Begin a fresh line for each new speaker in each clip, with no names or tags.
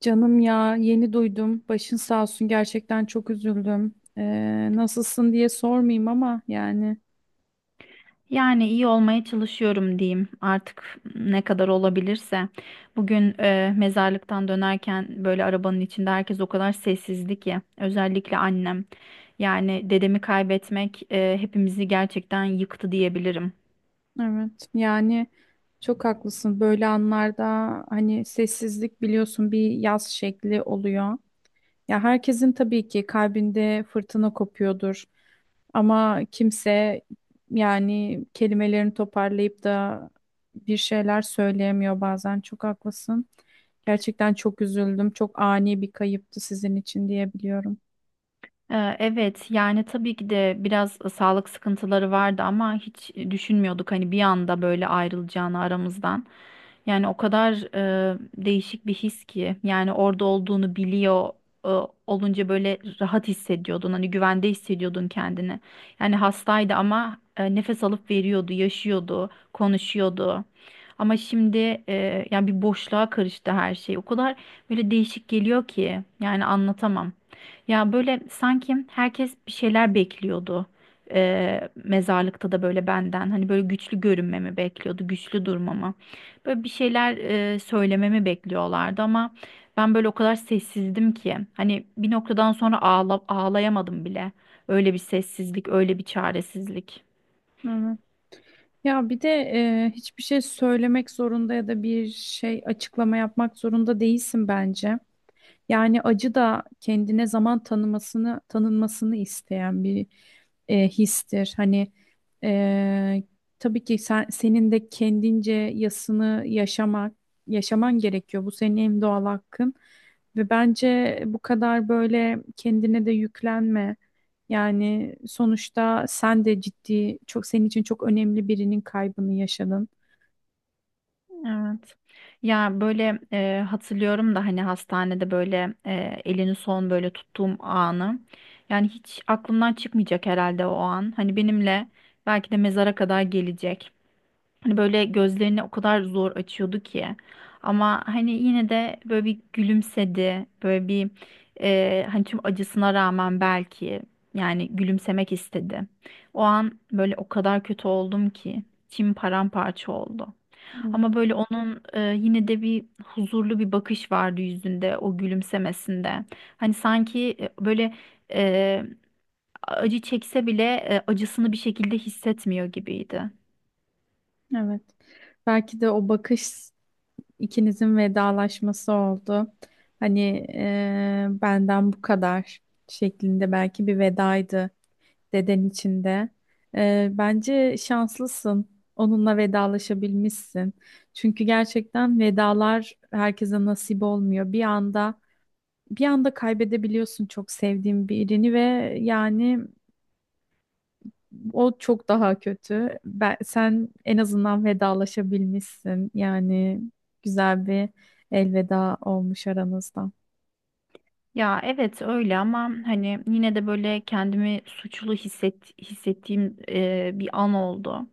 Canım, ya yeni duydum. Başın sağ olsun, gerçekten çok üzüldüm. Nasılsın diye sormayayım ama yani
Yani iyi olmaya çalışıyorum diyeyim artık ne kadar olabilirse. Bugün mezarlıktan dönerken böyle arabanın içinde herkes o kadar sessizdi ki, özellikle annem. Yani dedemi kaybetmek hepimizi gerçekten yıktı diyebilirim.
evet, yani çok haklısın. Böyle anlarda hani sessizlik biliyorsun bir yaz şekli oluyor. Ya herkesin tabii ki kalbinde fırtına kopuyordur. Ama kimse, yani kelimelerini toparlayıp da bir şeyler söyleyemiyor bazen. Çok haklısın. Gerçekten çok üzüldüm. Çok ani bir kayıptı sizin için diyebiliyorum.
Evet, yani tabii ki de biraz sağlık sıkıntıları vardı ama hiç düşünmüyorduk hani bir anda böyle ayrılacağını aramızdan. Yani o kadar değişik bir his ki, yani orada olduğunu biliyor e, olunca böyle rahat hissediyordun, hani güvende hissediyordun kendini. Yani hastaydı ama nefes alıp veriyordu, yaşıyordu, konuşuyordu. Ama şimdi yani bir boşluğa karıştı her şey. O kadar böyle değişik geliyor ki, yani anlatamam. Ya böyle sanki herkes bir şeyler bekliyordu. Mezarlıkta da böyle benden hani böyle güçlü görünmemi bekliyordu, güçlü durmamı. Böyle bir şeyler söylememi bekliyorlardı ama ben böyle o kadar sessizdim ki hani bir noktadan sonra ağlayamadım bile. Öyle bir sessizlik, öyle bir çaresizlik.
Evet. Ya bir de hiçbir şey söylemek zorunda ya da bir şey açıklama yapmak zorunda değilsin bence. Yani acı da kendine zaman tanımasını isteyen bir histir. Hani e, tabii ki senin de kendince yasını yaşaman gerekiyor. Bu senin en doğal hakkın ve bence bu kadar böyle kendine de yüklenme. Yani sonuçta sen de ciddi çok, senin için çok önemli birinin kaybını yaşadın.
Evet. Ya böyle hatırlıyorum da hani hastanede böyle elini son böyle tuttuğum anı. Yani hiç aklımdan çıkmayacak herhalde o an. Hani benimle belki de mezara kadar gelecek. Hani böyle gözlerini o kadar zor açıyordu ki. Ama hani yine de böyle bir gülümsedi. Böyle bir hani tüm acısına rağmen belki yani gülümsemek istedi. O an böyle o kadar kötü oldum ki. İçim paramparça oldu.
Hı.
Ama böyle onun yine de bir huzurlu bir bakış vardı yüzünde, o gülümsemesinde. Hani sanki böyle e, acı çekse bile acısını bir şekilde hissetmiyor gibiydi.
Evet. Belki de o bakış İkinizin vedalaşması oldu. Hani benden bu kadar şeklinde belki bir vedaydı, deden içinde. Bence şanslısın. Onunla vedalaşabilmişsin. Çünkü gerçekten vedalar herkese nasip olmuyor. Bir anda kaybedebiliyorsun çok sevdiğin birini, ve yani o çok daha kötü. Sen en azından vedalaşabilmişsin. Yani güzel bir elveda olmuş aranızda.
Ya evet öyle ama hani yine de böyle kendimi hissettiğim bir an oldu.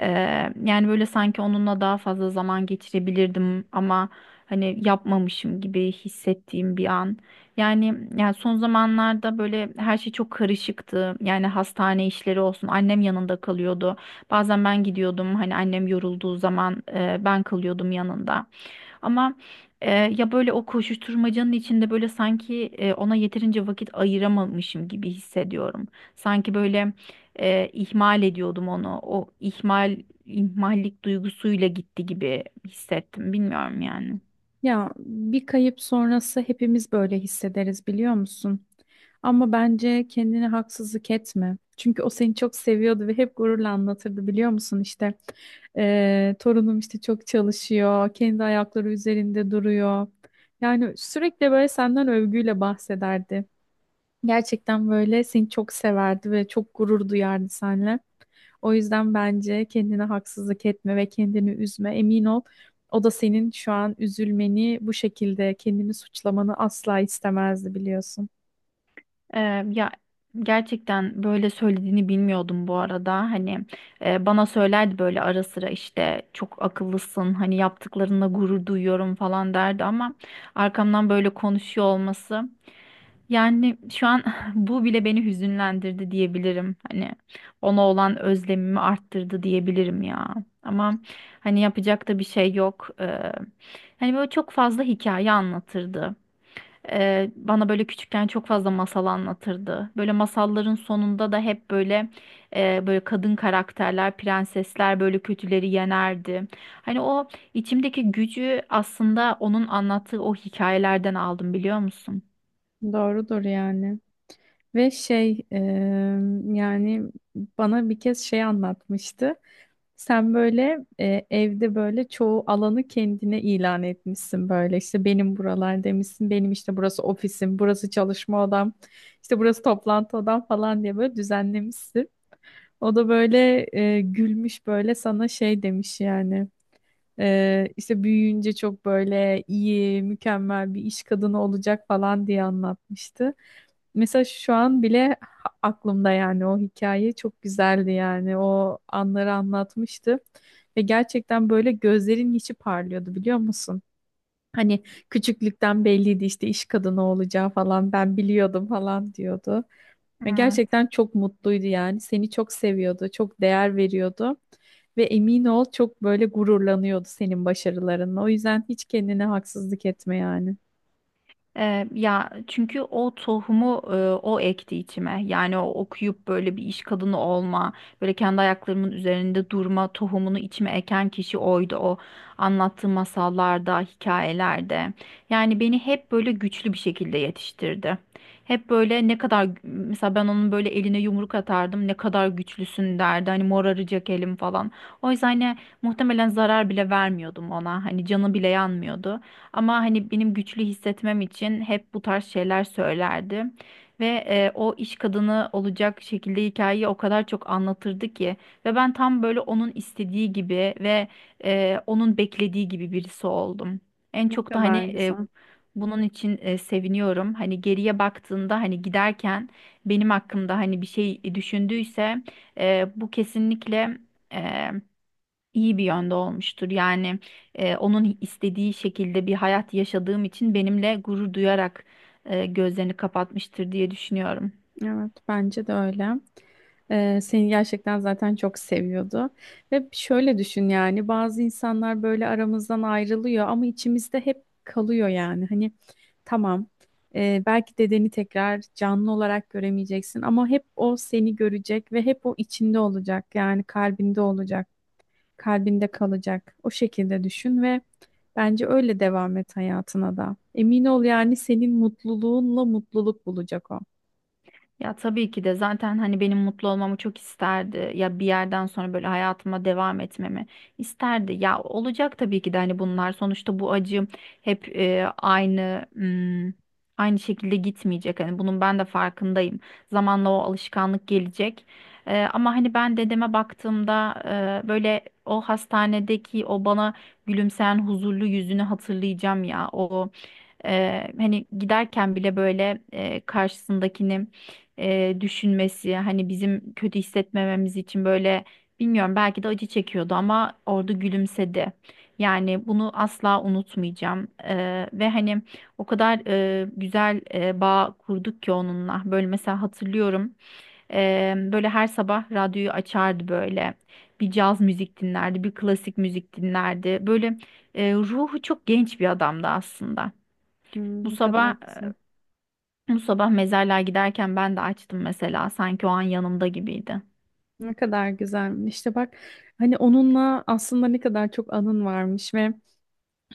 Yani böyle sanki onunla daha fazla zaman geçirebilirdim ama hani yapmamışım gibi hissettiğim bir an. Yani son zamanlarda böyle her şey çok karışıktı. Yani hastane işleri olsun. Annem yanında kalıyordu. Bazen ben gidiyordum. Hani annem yorulduğu zaman ben kalıyordum yanında. Ama ya böyle o koşuşturmacanın içinde böyle sanki ona yeterince vakit ayıramamışım gibi hissediyorum. Sanki böyle ihmal ediyordum onu. O ihmal ihmallik duygusuyla gitti gibi hissettim. Bilmiyorum yani.
Ya bir kayıp sonrası hepimiz böyle hissederiz, biliyor musun? Ama bence kendine haksızlık etme. Çünkü o seni çok seviyordu ve hep gururla anlatırdı, biliyor musun? İşte torunum işte çok çalışıyor, kendi ayakları üzerinde duruyor. Yani sürekli böyle senden övgüyle bahsederdi. Gerçekten böyle seni çok severdi ve çok gurur duyardı seninle. O yüzden bence kendine haksızlık etme ve kendini üzme. Emin ol, o da senin şu an üzülmeni, bu şekilde kendini suçlamanı asla istemezdi, biliyorsun.
E, Ya gerçekten böyle söylediğini bilmiyordum bu arada. Hani bana söylerdi böyle ara sıra işte çok akıllısın. Hani yaptıklarına gurur duyuyorum falan derdi ama arkamdan böyle konuşuyor olması. Yani şu an bu bile beni hüzünlendirdi diyebilirim. Hani ona olan özlemimi arttırdı diyebilirim ya. Ama hani yapacak da bir şey yok. Hani böyle çok fazla hikaye anlatırdı. Bana böyle küçükken çok fazla masal anlatırdı. Böyle masalların sonunda da hep böyle böyle kadın karakterler, prensesler böyle kötüleri yenerdi. Hani o içimdeki gücü aslında onun anlattığı o hikayelerden aldım, biliyor musun?
Doğrudur yani. Ve yani bana bir kez şey anlatmıştı. Sen böyle evde böyle çoğu alanı kendine ilan etmişsin, böyle işte benim buralar demişsin, benim işte burası ofisim, burası çalışma odam, işte burası toplantı odam falan diye böyle düzenlemişsin. O da böyle gülmüş, böyle sana şey demiş yani. İşte büyüyünce çok böyle iyi, mükemmel bir iş kadını olacak falan diye anlatmıştı. Mesela şu an bile aklımda, yani o hikaye çok güzeldi, yani o anları anlatmıştı. Ve gerçekten böyle gözlerin içi parlıyordu, biliyor musun? Hani küçüklükten belliydi işte, iş kadını olacağı falan ben biliyordum falan diyordu. Ve gerçekten çok mutluydu yani. Seni çok seviyordu, çok değer veriyordu. Ve emin ol çok böyle gururlanıyordu senin başarılarınla. O yüzden hiç kendine haksızlık etme yani.
Ya çünkü o tohumu o ekti içime. Yani o okuyup böyle bir iş kadını olma, böyle kendi ayaklarımın üzerinde durma tohumunu içime eken kişi oydu o. Anlattığı masallarda, hikayelerde. Yani beni hep böyle güçlü bir şekilde yetiştirdi. Hep böyle ne kadar mesela ben onun böyle eline yumruk atardım. Ne kadar güçlüsün derdi. Hani moraracak elim falan. O yüzden hani muhtemelen zarar bile vermiyordum ona. Hani canı bile yanmıyordu. Ama hani benim güçlü hissetmem için hep bu tarz şeyler söylerdi. Ve o iş kadını olacak şekilde hikayeyi o kadar çok anlatırdı ki. Ve ben tam böyle onun istediği gibi ve onun beklediği gibi birisi oldum. En
Ne
çok da hani
kadar güzel.
bunun için seviniyorum. Hani geriye baktığında, hani giderken benim hakkımda hani bir şey düşündüyse bu kesinlikle e, iyi bir yönde olmuştur. Yani onun istediği şekilde bir hayat yaşadığım için benimle gurur duyarak gözlerini kapatmıştır diye düşünüyorum.
Evet, bence de öyle. Seni gerçekten zaten çok seviyordu. Ve şöyle düşün, yani bazı insanlar böyle aramızdan ayrılıyor ama içimizde hep kalıyor yani. Hani tamam, belki dedeni tekrar canlı olarak göremeyeceksin ama hep o seni görecek ve hep o içinde olacak, yani kalbinde olacak, kalbinde kalacak. O şekilde düşün ve bence öyle devam et hayatına da. Emin ol, yani senin mutluluğunla mutluluk bulacak o.
Ya tabii ki de zaten hani benim mutlu olmamı çok isterdi. Ya bir yerden sonra böyle hayatıma devam etmemi isterdi. Ya olacak tabii ki de, hani bunlar sonuçta bu acım hep aynı şekilde gitmeyecek. Hani bunun ben de farkındayım. Zamanla o alışkanlık gelecek. Ama hani ben dedeme baktığımda böyle o hastanedeki o bana gülümseyen huzurlu yüzünü hatırlayacağım ya. O Hani giderken bile böyle karşısındakini düşünmesi, hani bizim kötü hissetmememiz için böyle, bilmiyorum, belki de acı çekiyordu ama orada gülümsedi. Yani bunu asla unutmayacağım. Ve hani o kadar güzel bağ kurduk ki onunla. Böyle mesela hatırlıyorum, böyle her sabah radyoyu açardı böyle. Bir caz müzik dinlerdi, bir klasik müzik dinlerdi. Böyle ruhu çok genç bir adamdı aslında.
Hmm,
Bu
ne kadar
sabah
güzel.
Bu sabah mezarlığa giderken ben de açtım mesela. Sanki o an yanımda gibiydi.
Ne kadar güzel. İşte bak, hani onunla aslında ne kadar çok anın varmış ve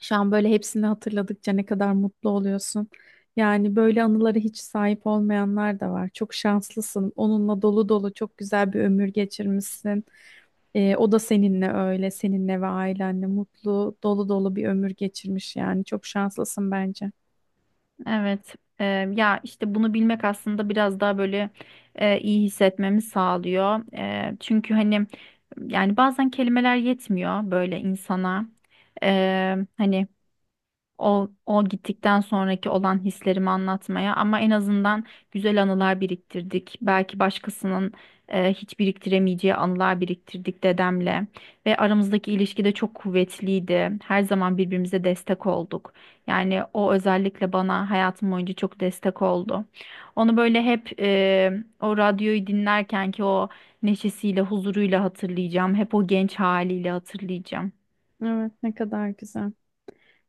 şu an böyle hepsini hatırladıkça ne kadar mutlu oluyorsun. Yani böyle anılara hiç sahip olmayanlar da var. Çok şanslısın. Onunla dolu dolu çok güzel bir ömür geçirmişsin. O da seninle öyle, seninle ve ailenle mutlu, dolu dolu bir ömür geçirmiş yani. Çok şanslısın bence.
Evet. Ya işte bunu bilmek aslında biraz daha böyle iyi hissetmemi sağlıyor. Çünkü hani yani bazen kelimeler yetmiyor böyle insana. Hani o gittikten sonraki olan hislerimi anlatmaya, ama en azından güzel anılar biriktirdik. Belki başkasının hiç biriktiremeyeceği anılar biriktirdik dedemle ve aramızdaki ilişki de çok kuvvetliydi. Her zaman birbirimize destek olduk. Yani o özellikle bana hayatım boyunca çok destek oldu. Onu böyle hep o radyoyu dinlerken ki o neşesiyle, huzuruyla hatırlayacağım. Hep o genç haliyle hatırlayacağım.
Evet, ne kadar güzel.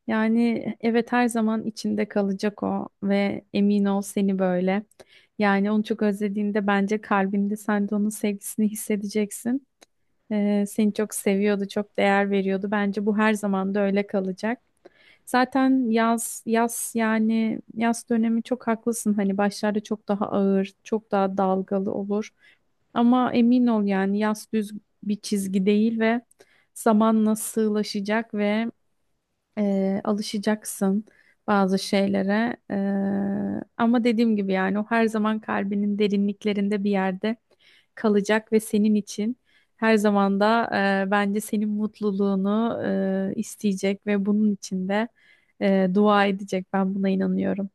Yani evet, her zaman içinde kalacak o ve emin ol seni böyle. Yani onu çok özlediğinde bence kalbinde sen de onun sevgisini hissedeceksin. Seni çok seviyordu, çok değer veriyordu. Bence bu her zaman da öyle kalacak. Zaten yaz dönemi, çok haklısın. Hani başlarda çok daha ağır, çok daha dalgalı olur. Ama emin ol, yani yaz düz bir çizgi değil ve zaman nasıl sığlaşacak ve alışacaksın bazı şeylere. Ama dediğim gibi yani o her zaman kalbinin derinliklerinde bir yerde kalacak ve senin için her zaman da bence senin mutluluğunu isteyecek ve bunun için de dua edecek. Ben buna inanıyorum.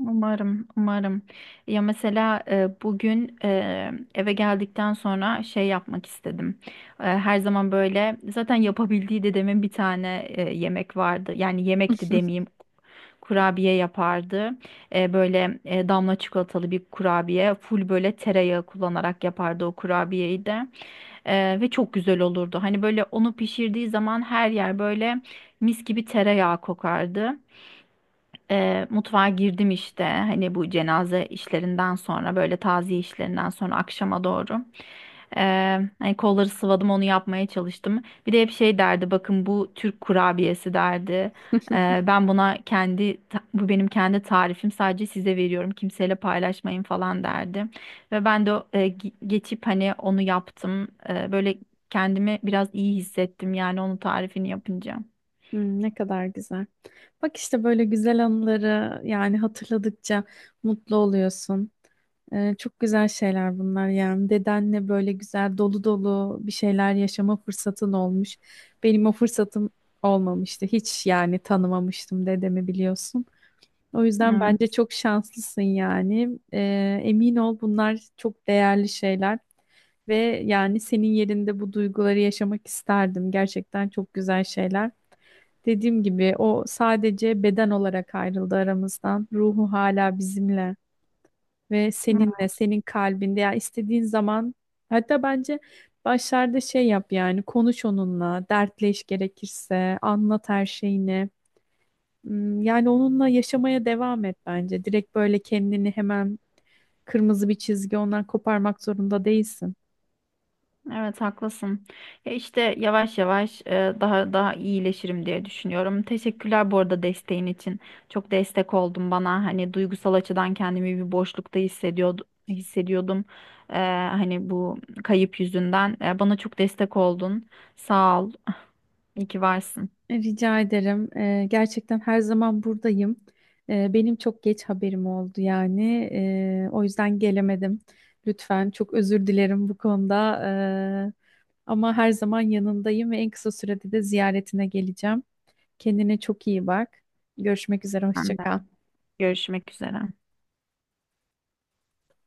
Umarım, umarım. Ya mesela bugün eve geldikten sonra şey yapmak istedim. Her zaman böyle zaten yapabildiği dedemin bir tane yemek vardı. Yani yemekti demeyeyim. Kurabiye yapardı. Böyle damla çikolatalı bir kurabiye. Full böyle tereyağı kullanarak yapardı o kurabiyeyi de. Ve çok güzel olurdu. Hani böyle onu pişirdiği zaman her yer böyle mis gibi tereyağı kokardı. Mutfağa girdim işte hani bu cenaze işlerinden sonra böyle taziye işlerinden sonra akşama doğru. E, Hani kolları sıvadım, onu yapmaya çalıştım. Bir de hep şey derdi, bakın bu Türk kurabiyesi derdi. Ben buna bu benim kendi tarifim, sadece size veriyorum, kimseyle paylaşmayın falan derdi. Ve ben de geçip hani onu yaptım. Böyle kendimi biraz iyi hissettim yani onun tarifini yapınca.
Hmm, ne kadar güzel. Bak işte böyle güzel anıları yani hatırladıkça mutlu oluyorsun. Çok güzel şeyler bunlar yani. Dedenle böyle güzel dolu dolu bir şeyler yaşama fırsatın olmuş. Benim o fırsatım olmamıştı. Hiç yani, tanımamıştım dedemi, biliyorsun. O yüzden bence
Evet.
çok şanslısın yani. Emin ol, bunlar çok değerli şeyler. Ve yani senin yerinde bu duyguları yaşamak isterdim. Gerçekten çok güzel şeyler. Dediğim gibi o sadece beden olarak ayrıldı aramızdan. Ruhu hala bizimle ve seninle, senin kalbinde. Ya istediğin zaman, hatta bence başlarda şey yap yani, konuş onunla, dertleş gerekirse, anlat her şeyini. Hmm. Yani onunla yaşamaya devam et bence. Direkt böyle kendini hemen kırmızı bir çizgi ondan koparmak zorunda değilsin.
Evet, haklısın. Ya işte yavaş yavaş daha daha iyileşirim diye düşünüyorum. Teşekkürler bu arada desteğin için. Çok destek oldun bana. Hani duygusal açıdan kendimi bir boşlukta hissediyordum. E, Hani bu kayıp yüzünden. Bana çok destek oldun. Sağ ol. İyi ki varsın.
Rica ederim. Gerçekten her zaman buradayım. Benim çok geç haberim oldu yani. O yüzden gelemedim. Lütfen çok özür dilerim bu konuda. Ee, Ama her zaman yanındayım ve en kısa sürede de ziyaretine geleceğim. Kendine çok iyi bak. Görüşmek üzere.
Ben
Hoşça
de.
kal.
Görüşmek üzere.